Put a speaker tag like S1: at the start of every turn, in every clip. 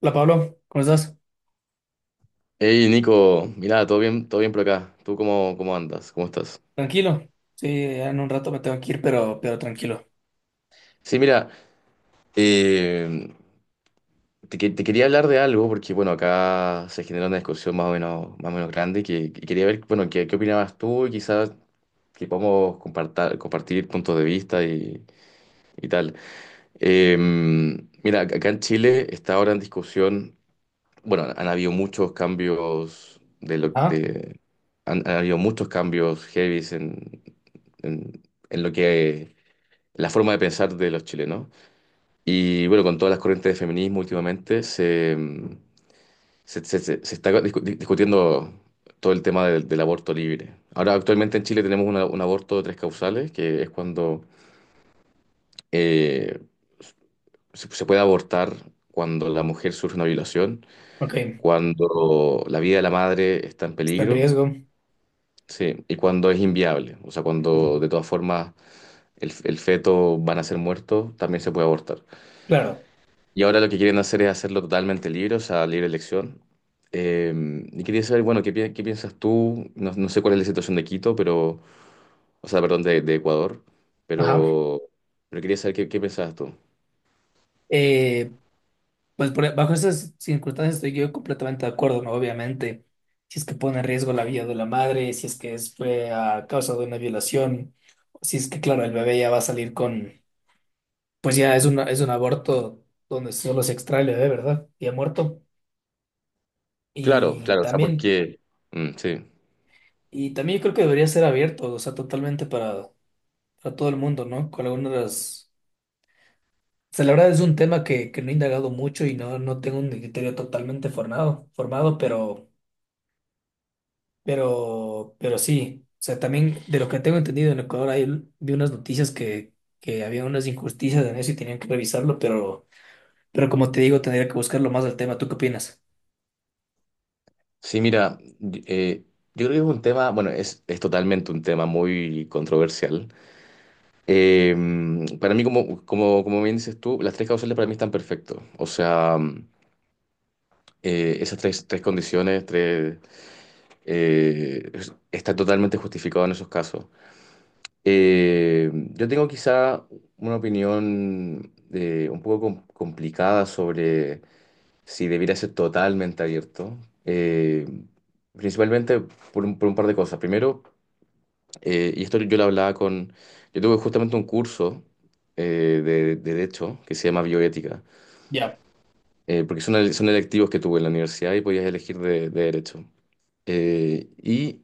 S1: Hola Pablo, ¿cómo estás?
S2: Hey Nico, mira, todo bien por acá. ¿Tú cómo andas? ¿Cómo estás?
S1: Tranquilo. Sí, ya en un rato me tengo que ir, pero tranquilo.
S2: Sí, mira, eh, te quería hablar de algo porque, bueno, acá se generó una discusión más o menos grande que quería ver, bueno, qué opinabas tú y quizás que podamos compartir puntos de vista y tal. Eh, Mira, acá en Chile está ahora en discusión. Bueno, habido muchos cambios de lo
S1: Ah,
S2: de han habido muchos cambios heavies en, en lo que la forma de pensar de los chilenos. Y bueno, con todas las corrientes de feminismo últimamente se está discutiendo todo el tema del aborto libre. Ahora, actualmente en Chile tenemos un aborto de tres causales, que es cuando eh, se puede abortar cuando la mujer sufre una violación,
S1: ok.
S2: cuando la vida de la madre está en
S1: Está en
S2: peligro.
S1: riesgo.
S2: Sí, y cuando es inviable, o sea, cuando de todas formas el feto van a ser muertos, también se puede abortar.
S1: Claro.
S2: Y ahora lo que quieren hacer es hacerlo totalmente libre, o sea, libre elección. Eh, y quería saber, bueno, ¿qué, qué piensas tú? No, no sé cuál es la situación de Quito, pero, o sea, perdón, de Ecuador,
S1: Ajá.
S2: pero, pero quería saber qué piensas tú.
S1: Eh, Bajo esas circunstancias estoy yo completamente de acuerdo, ¿no? Obviamente, si es que pone en riesgo la vida de la madre, si es que es, fue a causa de una violación, si es que, claro, el bebé ya va a salir con, pues ya es una, es un aborto donde solo se extrae el bebé, ¿verdad? Y ha muerto.
S2: Claro,
S1: Y
S2: claro, o sea,
S1: también,
S2: porque, mm, sí.
S1: y también yo creo que debería ser abierto, o sea, totalmente para a todo el mundo, ¿no? Con algunas de las... O sea, la verdad es un tema que no he indagado mucho y no tengo un criterio totalmente formado, pero, pero sí. O sea, también de lo que tengo entendido en Ecuador, ahí vi unas noticias que había unas injusticias en eso y tenían que revisarlo, pero como te digo, tendría que buscarlo más al tema. ¿Tú qué opinas?
S2: Sí, mira, yo creo que es un tema, bueno, es totalmente un tema muy controversial. Eh, para mí, como bien dices tú, las tres causales para mí están perfectos. O sea, mm, esas tres condiciones tres, está totalmente justificado en esos casos. Eh, yo tengo quizá una opinión un poco complicada sobre si debiera ser totalmente abierto, eh, principalmente por un par de cosas. Primero, y esto yo lo hablaba con... Yo tuve justamente un curso de derecho que se llama bioética,
S1: Ya,
S2: porque son, son electivos que tuve en la universidad y podías elegir de derecho. Y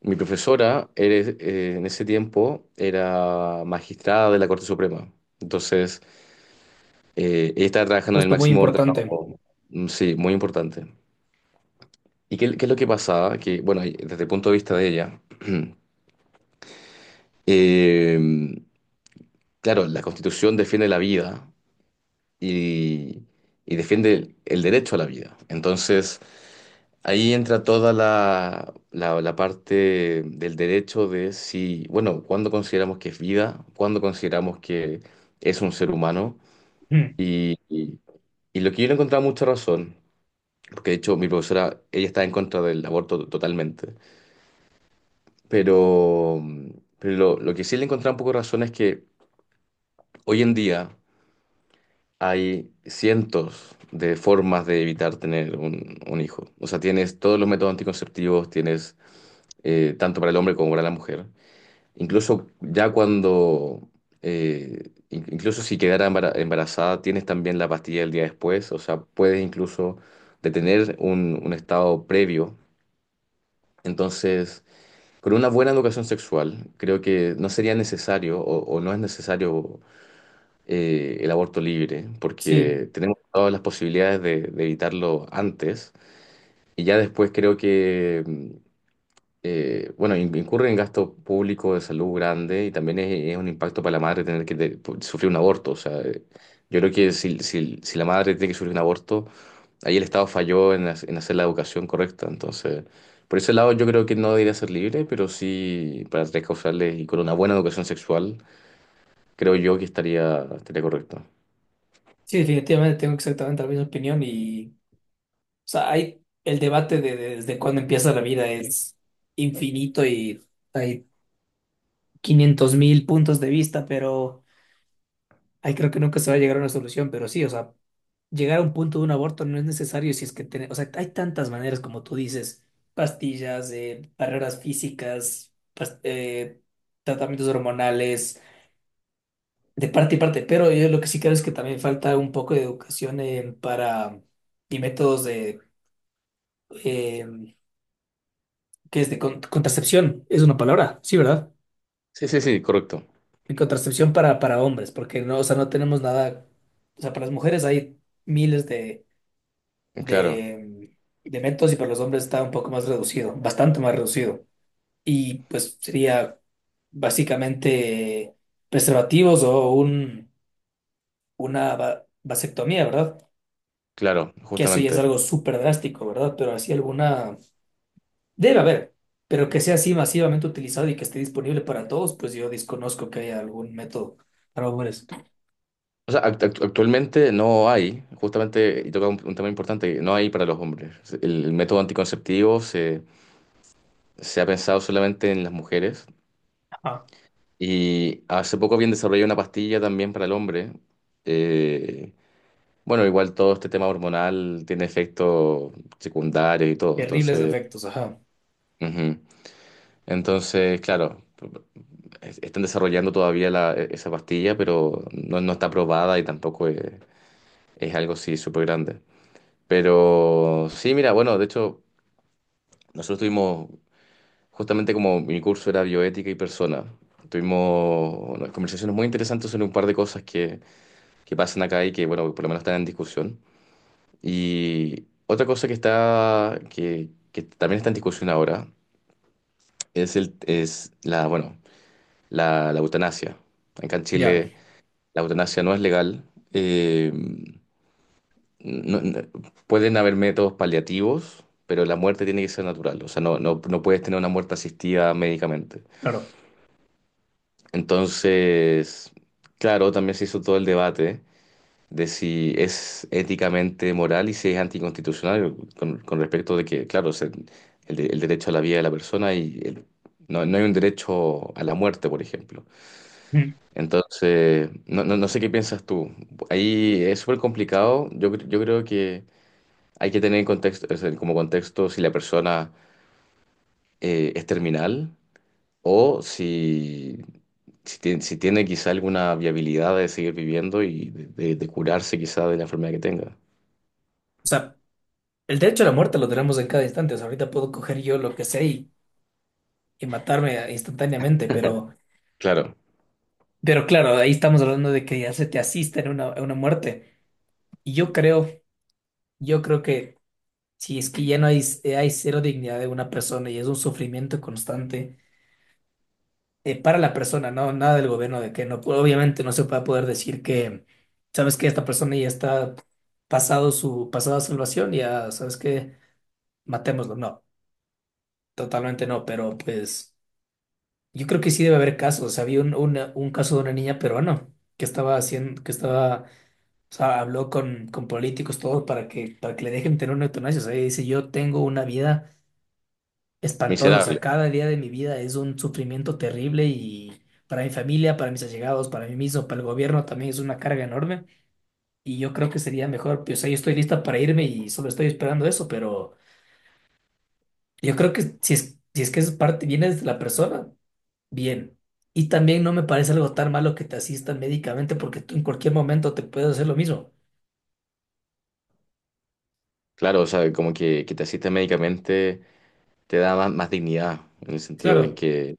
S2: mi profesora en ese tiempo era magistrada de la Corte Suprema. Entonces, ella estaba trabajando en el
S1: puesto muy
S2: máximo órgano.
S1: importante.
S2: Mm, sí, muy importante. ¿Y qué es lo que pasaba? Que, bueno, y desde el punto de vista de ella, eh, claro, la Constitución defiende la vida y, y defiende el derecho a la vida. Entonces, ahí entra toda la parte del derecho de si, bueno, cuándo consideramos que es vida, cuándo consideramos que es un ser humano.
S1: Mm.
S2: Y, y- y lo que yo le encontraba mucha razón, porque de hecho mi profesora, ella está en contra del aborto totalmente, pero, pero lo que sí le encontraba un poco de razón es que hoy en día... Hay cientos de formas de evitar tener un hijo. O sea, tienes todos los métodos anticonceptivos, tienes tanto para el hombre como para la mujer. Incluso ya cuando, incluso si quedara embarazada, tienes también la pastilla el día después. O sea, puedes incluso detener un estado previo. Entonces, con una buena educación sexual, creo que no sería necesario o no es necesario el aborto libre,
S1: Sí,
S2: porque tenemos todas las posibilidades de evitarlo antes y ya después creo que, mm, bueno, incurre en gasto público de salud grande y también es un impacto para la madre tener que sufrir un aborto. O sea, yo creo que si la madre tiene que sufrir un aborto, ahí el Estado falló en hacer la educación correcta. Entonces, por ese lado yo creo que no debería ser libre, pero sí para tres causales y con una buena educación sexual, creo yo que estaría correcto.
S1: sí, definitivamente tengo exactamente la misma opinión. Y o sea, hay el debate de, desde cuándo empieza la vida, es infinito y hay 500 mil puntos de vista, pero ahí creo que nunca se va a llegar a una solución. Pero sí, o sea, llegar a un punto de un aborto no es necesario si es que tiene, o sea, hay tantas maneras como tú dices: pastillas, barreras físicas, tratamientos hormonales, de parte y parte. Pero yo lo que sí creo es que también falta un poco de educación para y métodos de eh, que es de contracepción, es una palabra, sí, ¿verdad?
S2: Sí, sí, sí, correcto.
S1: De contracepción para hombres, porque no, o sea, no tenemos nada, o sea, para las mujeres hay miles
S2: Claro,
S1: de, de métodos y para los hombres está un poco más reducido, bastante más reducido. Y pues sería básicamente preservativos o un, una vasectomía, ¿verdad?
S2: claro,
S1: Que eso ya es
S2: justamente.
S1: algo súper drástico, ¿verdad? Pero así alguna debe haber, pero que sea así masivamente utilizado y que esté disponible para todos, pues yo desconozco que haya algún método para hombres.
S2: O sea, actualmente no hay, justamente, y toca un tema importante, no hay para los hombres. El método anticonceptivo se ha pensado solamente en las mujeres
S1: Ajá.
S2: y hace poco habían desarrollado una pastilla también para el hombre. Eh, bueno, igual todo este tema hormonal tiene efectos secundarios y todo,
S1: Terribles
S2: entonces...
S1: defectos, ajá.
S2: Ujú. Entonces, claro, están desarrollando todavía esa pastilla, pero no, no está aprobada y tampoco es, es algo, sí, súper grande. Pero sí, mira, bueno, de hecho, nosotros tuvimos, justamente como mi curso era bioética y persona, tuvimos unas conversaciones muy interesantes sobre un par de cosas que pasan acá y que, bueno, por lo menos están en discusión. Y otra cosa que está, que también está en discusión ahora, es el, es la, bueno, la eutanasia. Acá en
S1: Ya,
S2: Chile la eutanasia no es legal. eh, no- no- Pueden haber métodos paliativos, pero la muerte tiene que ser natural. O sea, no, no, no puedes tener una muerte asistida médicamente.
S1: claro.
S2: Entonces, claro, también se hizo todo el debate de si es éticamente moral y si es anticonstitucional con respecto de que, claro, el derecho a la vida de la persona no, no hay un derecho a la muerte, por ejemplo.
S1: Mm.
S2: Entonces, no, no, no sé qué piensas tú. Ahí es súper complicado. Yo creo que... Hay que tener en contexto, o sea, como contexto si la persona es terminal o si, si, tiene, si tiene quizá alguna viabilidad de seguir viviendo y de curarse quizá de la enfermedad que tenga.
S1: O sea, el derecho a la muerte lo tenemos en cada instante. O sea, ahorita puedo coger yo lo que sé y matarme instantáneamente,
S2: Claro,
S1: pero claro, ahí estamos hablando de que ya se te asista en una muerte. Y yo creo, yo creo que si es que ya no hay, hay cero dignidad de una persona y es un sufrimiento constante para la persona, no nada del gobierno de que no, obviamente no se va a poder decir que, sabes que esta persona ya está pasado su pasada salvación, ya sabes que matémoslo, no, totalmente no, pero pues yo creo que sí debe haber casos. O sea, había un, un caso de una niña peruana que estaba haciendo, que estaba, o sea, habló con políticos, todo para que le dejen tener una eutanasia. O sea, ella dice: yo tengo una vida espantoso. O
S2: miserable.
S1: sea, cada día de mi vida es un sufrimiento terrible y para mi familia, para mis allegados, para mí mismo, para el gobierno también es una carga enorme. Y yo creo que sería mejor, pues, o sea, yo estoy lista para irme y solo estoy esperando eso, pero yo creo que si es, si es que es parte, viene desde la persona, bien. Y también no me parece algo tan malo que te asistan médicamente porque tú en cualquier momento te puedes hacer lo mismo.
S2: Claro, o sea, como que te asiste médicamente te da más dignidad en el sentido de
S1: Claro,
S2: que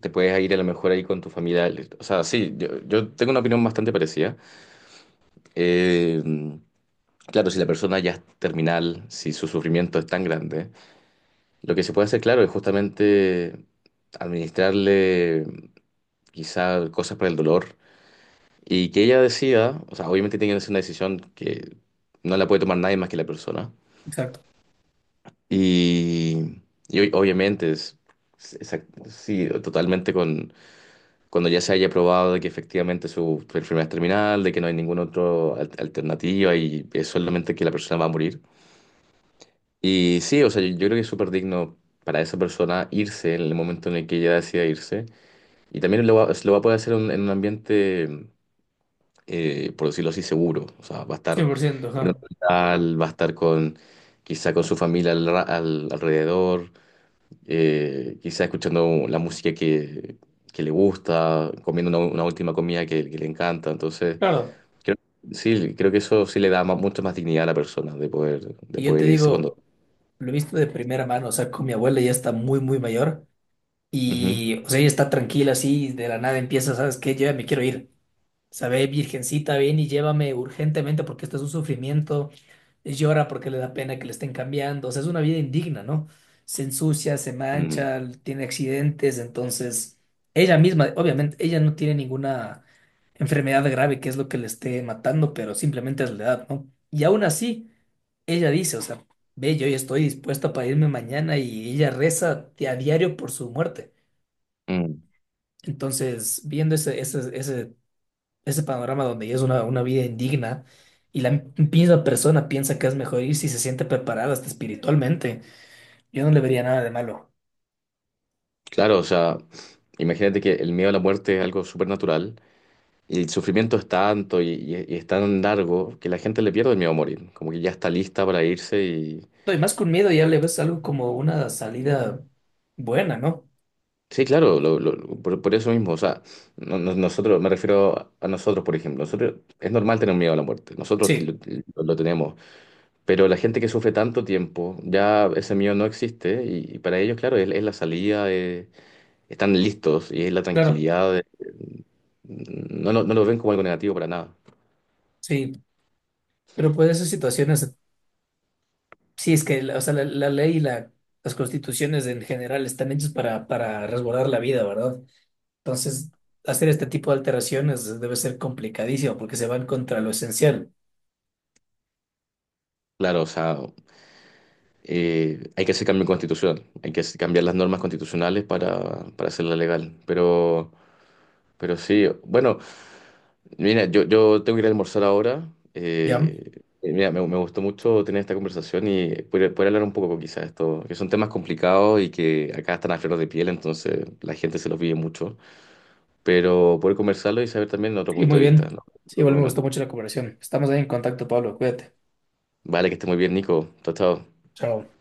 S2: te puedes ir a lo mejor ahí con tu familia. O sea, sí, yo tengo una opinión bastante parecida. Eh, claro, si la persona ya es terminal, si su sufrimiento es tan grande, lo que se puede hacer, claro, es justamente administrarle quizá cosas para el dolor y que ella decida, o sea, obviamente tiene que ser una decisión que no la puede tomar nadie más que la persona.
S1: exacto,
S2: Y, y obviamente, es, sí, totalmente con, cuando ya se haya probado de que efectivamente su enfermedad es terminal, de que no hay ninguna otra alternativa y es solamente que la persona va a morir. Y sí, o sea, yo creo que es súper digno para esa persona irse en el momento en el que ella decida irse. Y también lo va a poder hacer en un ambiente, por decirlo así, seguro. O sea, va a estar
S1: 100%,
S2: en un
S1: ajá.
S2: hospital, va a estar con, quizá con su familia al alrededor, quizá escuchando la música que le gusta, comiendo una última comida que le encanta. Entonces,
S1: Claro.
S2: creo, sí, creo que eso sí le da mucho más dignidad a la persona de
S1: Y yo te
S2: poder irse cuando...
S1: digo, lo he visto de primera mano, o sea, con mi abuela, ya está muy, muy mayor.
S2: Ujú.
S1: Y, o sea, ella está tranquila así, y de la nada empieza, ¿sabes qué? Yo ya me quiero ir. Sabe, virgencita, ven y llévame urgentemente porque esto es un sufrimiento. Llora porque le da pena que le estén cambiando. O sea, es una vida indigna, ¿no? Se ensucia, se
S2: Mm,
S1: mancha, tiene accidentes. Entonces, ella misma, obviamente, ella no tiene ninguna enfermedad grave que es lo que le esté matando, pero simplemente es la edad, ¿no? Y aún así, ella dice, o sea, ve, yo ya estoy dispuesta para irme mañana, y ella reza a diario por su muerte.
S2: mm.
S1: Entonces, viendo ese panorama donde ya es una vida indigna y la misma persona piensa que es mejor ir si se siente preparada hasta espiritualmente, yo no le vería nada de malo.
S2: Claro, o sea, imagínate que el miedo a la muerte es algo súper natural y el sufrimiento es tanto y es tan largo que la gente le pierde el miedo a morir, como que ya está lista para irse y...
S1: No, y más con miedo ya le ves algo como una salida buena, ¿no?
S2: Sí, claro, por eso mismo, o sea, nosotros, me refiero a nosotros, por ejemplo, nosotros es normal tener miedo a la muerte, nosotros
S1: Sí,
S2: lo tenemos, pero la gente que sufre tanto tiempo, ya ese miedo no existe y para ellos, claro, es la salida, están listos y es la
S1: claro,
S2: tranquilidad, no, no, no lo ven como algo negativo para nada.
S1: sí, pero pues esas situaciones, sí, es que la, o sea, la ley y las constituciones en general están hechas para resguardar la vida, ¿verdad? Entonces, hacer este tipo de alteraciones debe ser complicadísimo porque se van contra lo esencial.
S2: Claro, o sea, hay que hacer cambio constitucional, hay que cambiar las normas constitucionales para hacerla legal. Pero sí, bueno, mira, yo tengo que ir a almorzar ahora.
S1: Ya,
S2: Mira, me gustó mucho tener esta conversación y poder, poder hablar un poco quizás de esto, que son temas complicados y que acá están a flor de piel, entonces la gente se los vive mucho. Pero poder conversarlo y saber también otro
S1: sí,
S2: punto
S1: muy
S2: de vista,
S1: bien.
S2: ¿no?
S1: Sí,
S2: Pero
S1: igual me
S2: bueno,
S1: gustó mucho la conversación. Estamos ahí en contacto, Pablo. Cuídate.
S2: vale, que esté muy bien, Nico. Chao, chao.
S1: Chao.